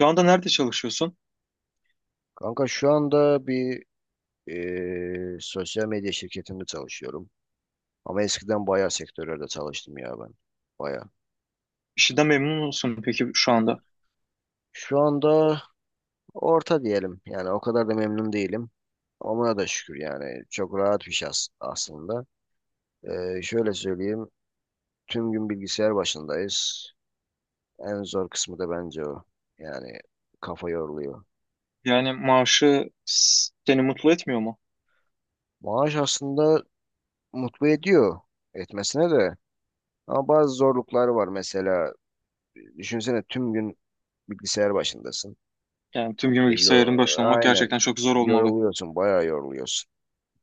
Şu anda nerede çalışıyorsun? Kanka şu anda bir sosyal medya şirketinde çalışıyorum. Ama eskiden bayağı sektörlerde çalıştım ya ben. Bayağı. İşinden memnun musun peki şu anda? Şu anda orta diyelim. Yani o kadar da memnun değilim. Ama buna da şükür yani. Çok rahat bir şey aslında. Şöyle söyleyeyim. Tüm gün bilgisayar başındayız. En zor kısmı da bence o. Yani kafa yoruluyor. Yani maaşı seni mutlu etmiyor mu? Maaş aslında mutlu ediyor. Etmesine de. Ama bazı zorluklar var. Mesela düşünsene tüm gün bilgisayar başındasın. Yani tüm gün E, bilgisayarın yor- başında olmak aynen. gerçekten çok zor olmalı. Yoruluyorsun, bayağı yoruluyorsun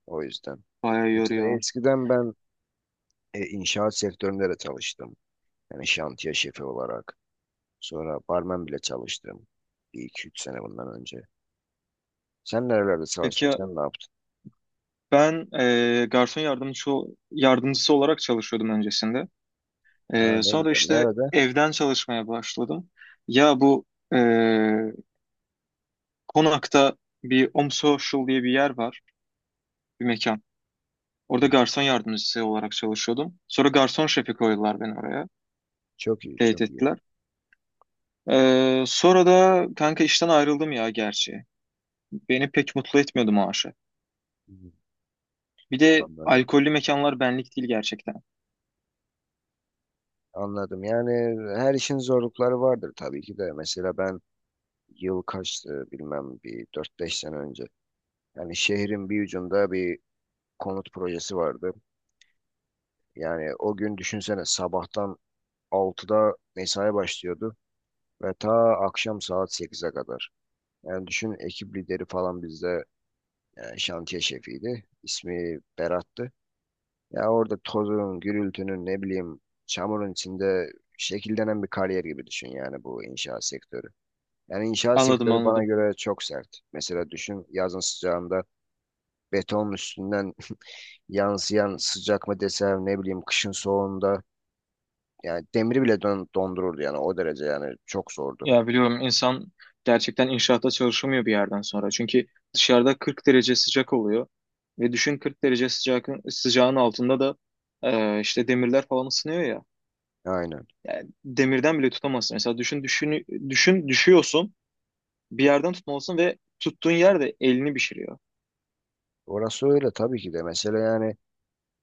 o yüzden. Bayağı Mesela yoruyor. eskiden ben inşaat sektöründe de çalıştım. Yani şantiye şefi olarak. Sonra barmen bile çalıştım. Bir iki üç sene bundan önce. Sen nerelerde çalıştın? Peki Sen ne yaptın? ben garson yardımcısı olarak çalışıyordum öncesinde. Ha, ne Sonra güzel. işte Nerede? evden çalışmaya başladım. Ya bu e, Konak'ta bir Om Social diye bir yer var, bir mekan. Orada Hı, garson yardımcısı olarak çalışıyordum. Sonra garson şefi koydular beni oraya. çok iyi, Teyit çok iyi. ettiler. Sonra da kanka işten ayrıldım ya gerçi. Beni pek mutlu etmiyordu maaşı. Hı, Bir de anladım. alkollü mekanlar benlik değil gerçekten. Anladım. Yani her işin zorlukları vardır tabii ki de. Mesela ben yıl kaçtı bilmem bir dört beş sene önce yani şehrin bir ucunda bir konut projesi vardı. Yani o gün düşünsene sabahtan 6'da mesai başlıyordu ve ta akşam saat 8'e kadar. Yani düşün ekip lideri falan bizde yani şantiye şefiydi. İsmi Berat'tı. Ya orada tozun, gürültünün ne bileyim çamurun içinde şekillenen bir kariyer gibi düşün yani bu inşaat sektörü. Yani inşaat Anladım, sektörü bana anladım. göre çok sert. Mesela düşün yazın sıcağında betonun üstünden yansıyan sıcak mı desem ne bileyim kışın soğuğunda yani demiri bile dondururdu yani o derece yani çok zordu. Ya biliyorum, insan gerçekten inşaatta çalışamıyor bir yerden sonra. Çünkü dışarıda 40 derece sıcak oluyor. Ve düşün, 40 derece sıcak, sıcağın altında da işte demirler falan ısınıyor ya. Aynen. Yani demirden bile tutamazsın. Mesela düşün, düşün, düşün, düşüyorsun, bir yerden tutmalısın ve tuttuğun yer de elini pişiriyor. Orası öyle tabii ki de. Mesela yani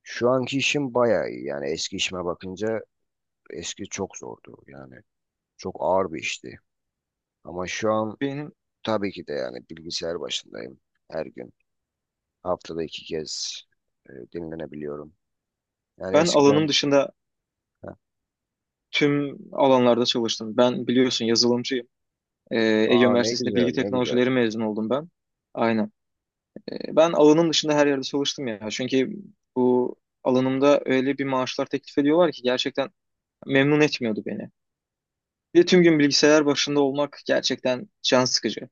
şu anki işim bayağı iyi. Yani eski işime bakınca eski çok zordu. Yani çok ağır bir işti. Ama şu an Benim tabii ki de yani bilgisayar başındayım her gün. Haftada 2 kez dinlenebiliyorum. Yani ben alanım eskiden. dışında Ha. tüm alanlarda çalıştım. Ben biliyorsun yazılımcıyım. Ee, Ege Aa, ne Üniversitesi'nde güzel, bilgi ne güzel. teknolojileri mezun oldum ben. Aynen. Ben alanım dışında her yerde çalıştım ya. Çünkü bu alanımda öyle bir maaşlar teklif ediyorlar ki gerçekten memnun etmiyordu beni. Bir de tüm gün bilgisayar başında olmak gerçekten can sıkıcı.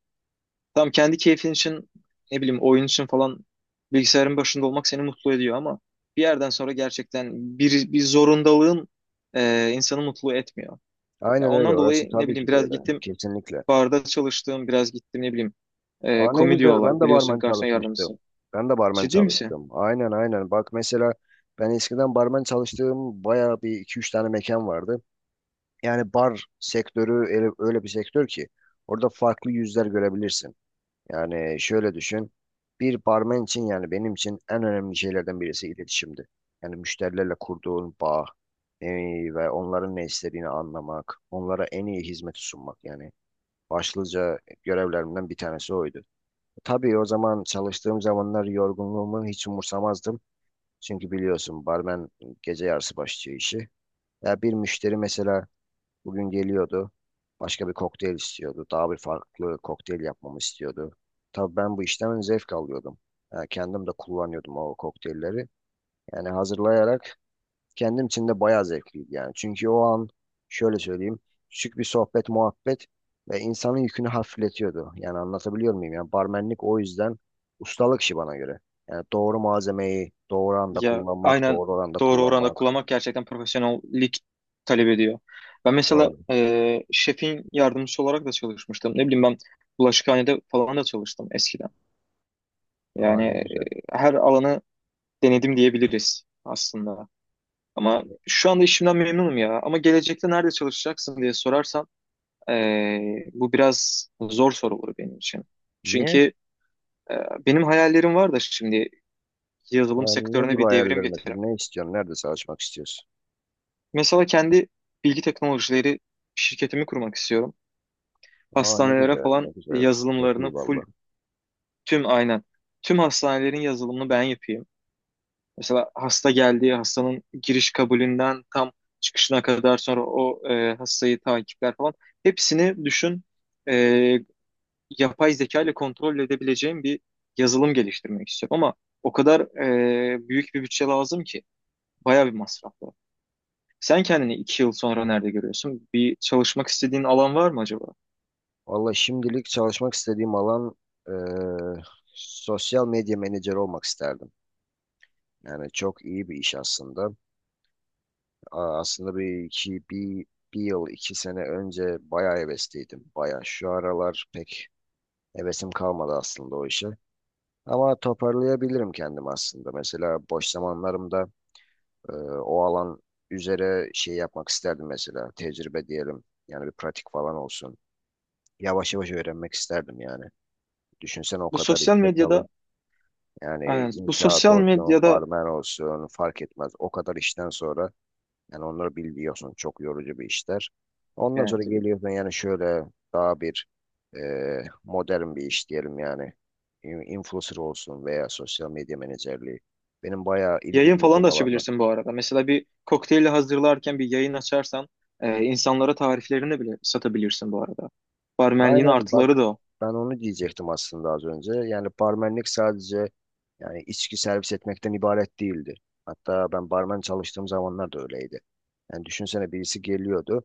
Tam kendi keyfin için ne bileyim oyun için falan bilgisayarın başında olmak seni mutlu ediyor ama bir yerden sonra gerçekten bir zorundalığın insanı mutlu etmiyor. Ya Aynen öyle, ondan orası dolayı ne tabii bileyim ki de biraz öyle. gittim Kesinlikle. barda çalıştığım, biraz gittim ne bileyim. E, Aa, ne komi güzel, ben de biliyorsun, barmen garson çalışmıştım. yardımcısı. Ben de barmen Ciddi misin? çalıştım. Aynen, aynen. Bak mesela ben eskiden barmen çalıştığım bayağı bir iki üç tane mekan vardı. Yani bar sektörü öyle, öyle bir sektör ki orada farklı yüzler görebilirsin. Yani şöyle düşün. Bir barmen için yani benim için en önemli şeylerden birisi iletişimdi. Yani müşterilerle kurduğun bağ e, ve onların ne istediğini anlamak, onlara en iyi hizmeti sunmak yani başlıca görevlerimden bir tanesi oydu. Tabii o zaman çalıştığım zamanlar yorgunluğumu hiç umursamazdım. Çünkü biliyorsun barmen gece yarısı başlıyor işi. Ya bir müşteri mesela bugün geliyordu. Başka bir kokteyl istiyordu. Daha bir farklı kokteyl yapmamı istiyordu. Tabii ben bu işten zevk alıyordum. Ya kendim de kullanıyordum o kokteylleri. Yani hazırlayarak kendim için de bayağı zevkliydi yani. Çünkü o an şöyle söyleyeyim, küçük bir sohbet muhabbet ve insanın yükünü hafifletiyordu. Yani anlatabiliyor muyum? Yani barmenlik o yüzden ustalık işi bana göre. Yani doğru malzemeyi doğru anda Ya kullanmak, aynen, doğru oranda doğru oranda kullanmak. kullanmak gerçekten profesyonellik talep ediyor. Ben mesela Doğru. Şefin yardımcısı olarak da çalışmıştım. Ne bileyim, ben bulaşıkhanede falan da çalıştım eskiden. Aa, Yani ne güzel. her alanı denedim diyebiliriz aslında. Ama şu anda işimden memnunum ya. Ama gelecekte nerede çalışacaksın diye sorarsan bu biraz zor soru olur benim için. Niye? Çünkü Ee, benim hayallerim var da şimdi yazılım Yani ne sektörüne gibi bir devrim ayarlar getiririm. mesela? Ne istiyorsun? Nerede çalışmak istiyorsun? Mesela kendi bilgi teknolojileri şirketimi kurmak istiyorum. Aa, ne Hastanelere güzel, ne falan güzel. Çok yazılımlarını iyi full, vallahi. tüm, aynen, tüm hastanelerin yazılımını ben yapayım. Mesela hasta geldiği, hastanın giriş kabulünden tam çıkışına kadar, sonra o hastayı takipler falan, hepsini düşün, e, yapay zeka ile kontrol edebileceğim bir yazılım geliştirmek istiyorum ama o kadar büyük bir bütçe lazım ki. Bayağı bir masraf var. Sen kendini iki yıl sonra nerede görüyorsun? Bir çalışmak istediğin alan var mı acaba? Vallahi şimdilik çalışmak istediğim alan eee, sosyal medya menajeri olmak isterdim. Yani çok iyi bir iş aslında. Aa, aslında bir yıl 2 sene önce bayağı hevesliydim. Bayağı şu aralar pek hevesim kalmadı aslında o işe. Ama toparlayabilirim kendimi aslında. Mesela boş zamanlarımda e, o alan üzere şey yapmak isterdim mesela. Tecrübe diyelim. Yani bir pratik falan olsun. Yavaş yavaş öğrenmek isterdim yani. Düşünsene o Bu kadar sosyal işte çalış. medyada, Yani aynen, bu inşaat sosyal olsun, medyada, barmen olsun fark etmez. O kadar işten sonra yani onları biliyorsun çok yorucu bir işler. Ondan yani sonra tabii, geliyorsun yani şöyle daha bir e, modern bir iş diyelim yani. Influencer olsun veya sosyal medya menajerliği. Benim bayağı ilgi yayın falan da duyduğum alanlar. açabilirsin bu arada. Mesela bir kokteyli hazırlarken bir yayın açarsan insanlara tariflerini bile satabilirsin bu arada. Barmenliğin Aynen bak, artıları da o. ben onu diyecektim aslında az önce. Yani barmenlik sadece yani içki servis etmekten ibaret değildi. Hatta ben barmen çalıştığım zamanlar da öyleydi. Yani düşünsene birisi geliyordu.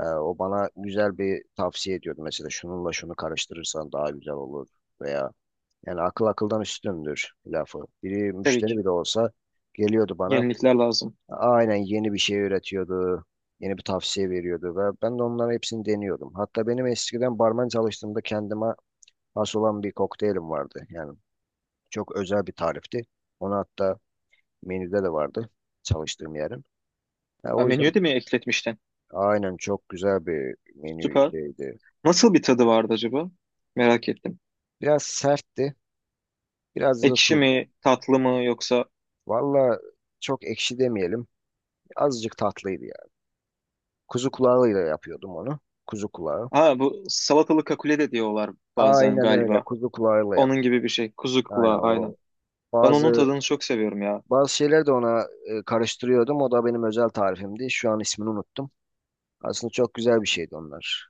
O bana güzel bir tavsiye ediyordu. Mesela şununla şunu karıştırırsan daha güzel olur veya yani akıl akıldan üstündür lafı. Biri Tabii ki, müşteri bile olsa geliyordu bana. yenilikler lazım. Aynen yeni bir şey üretiyordu. Yeni bir tavsiye veriyordu ve ben de onların hepsini deniyordum. Hatta benim eskiden barman çalıştığımda kendime has olan bir kokteylim vardı. Yani çok özel bir tarifti. Onu hatta menüde de vardı çalıştığım yerin. Ya Ha, o menüye yüzden de mi ekletmiştin? aynen çok güzel bir menü Süper. şeydi. Nasıl bir tadı vardı acaba? Merak ettim. Biraz sertti. Biraz da Ekşi tuz. mi, tatlı mı, yoksa? Valla çok ekşi demeyelim. Azıcık tatlıydı yani. Kuzu kulağıyla yapıyordum onu. Kuzu kulağı. Ha, bu salatalı kakule de diyorlar bazen Aynen öyle. galiba. Kuzu kulağıyla yap. Onun gibi bir şey. Kuzu Aynen kulağı, o. aynen. Ben onun Bazı tadını çok seviyorum ya. bazı şeyler de ona karıştırıyordum. O da benim özel tarifimdi. Şu an ismini unuttum. Aslında çok güzel bir şeydi onlar.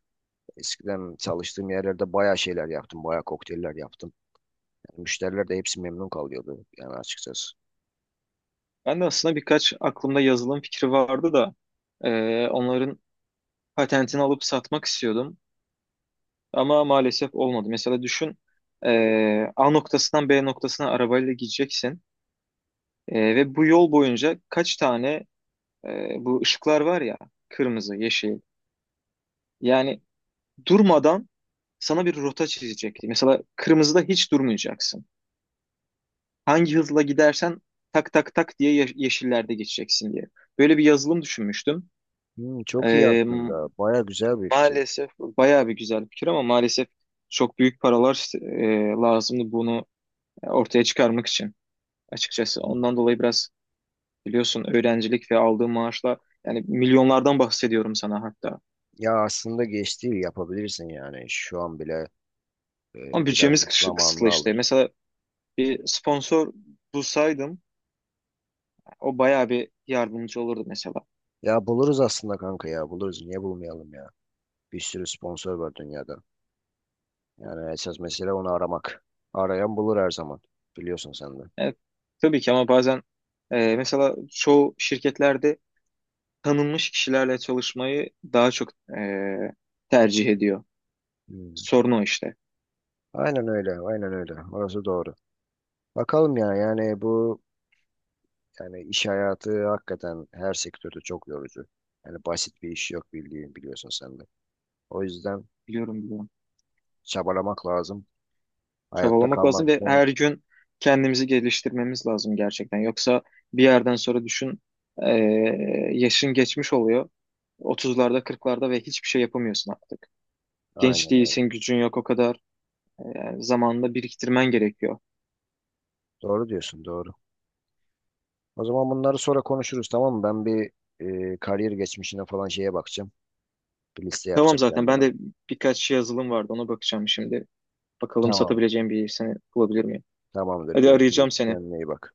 Eskiden çalıştığım yerlerde bayağı şeyler yaptım. Bayağı kokteyller yaptım. Yani müşteriler de hepsi memnun kalıyordu yani açıkçası. Ben de aslında birkaç aklımda yazılım fikri vardı da onların patentini alıp satmak istiyordum. Ama maalesef olmadı. Mesela düşün, e, A noktasından B noktasına arabayla gideceksin. Ve bu yol boyunca kaç tane bu ışıklar var ya, kırmızı, yeşil. Yani durmadan sana bir rota çizecekti. Mesela kırmızıda hiç durmayacaksın. Hangi hızla gidersen tak tak tak diye yeşillerde geçeceksin diye. Böyle bir yazılım düşünmüştüm. Hmm, çok iyi Ee, aslında. Bayağı güzel bir fikir. Maalesef bayağı bir güzel bir fikir ama maalesef çok büyük paralar lazımdı bunu ortaya çıkarmak için açıkçası. Ondan dolayı biraz, biliyorsun, öğrencilik ve aldığım maaşla, yani milyonlardan bahsediyorum sana hatta. Ya aslında geç değil yapabilirsin yani. Şu an bile Ama biraz bütçemiz zamanını kısıtlı işte. alır. Mesela bir sponsor bulsaydım o bayağı bir yardımcı olurdu mesela. Ya buluruz aslında kanka, ya buluruz. Niye bulmayalım ya? Bir sürü sponsor var dünyada. Yani esas mesele onu aramak. Arayan bulur her zaman. Biliyorsun sen de. Evet, tabii ki, ama bazen mesela çoğu şirketlerde tanınmış kişilerle çalışmayı daha çok e, tercih ediyor. Hmm. Sorun o işte. Aynen öyle, aynen öyle. Orası doğru. Bakalım ya, yani bu, yani iş hayatı hakikaten her sektörde çok yorucu. Yani basit bir iş yok bildiğin, biliyorsun sen de. O yüzden Biliyorum, biliyorum. çabalamak lazım. Hayatta Çabalamak lazım kalmak ve için her gün kendimizi geliştirmemiz lazım gerçekten. Yoksa bir yerden sonra düşün, e, yaşın geçmiş oluyor. Otuzlarda, kırklarda ve hiçbir şey yapamıyorsun artık. Genç aynen öyle. değilsin, gücün yok o kadar. Yani zamanında biriktirmen gerekiyor. Doğru diyorsun, doğru. O zaman bunları sonra konuşuruz, tamam mı? Ben bir kariyer geçmişine falan şeye bakacağım. Bir liste Tamam, yapacağım zaten ben kendime. de birkaç yazılım vardı, ona bakacağım şimdi. Bakalım, Tamam. satabileceğim bir seni bulabilir miyim? Tamamdır. Hadi, Görüşürüz. arayacağım seni. Kendine iyi bak.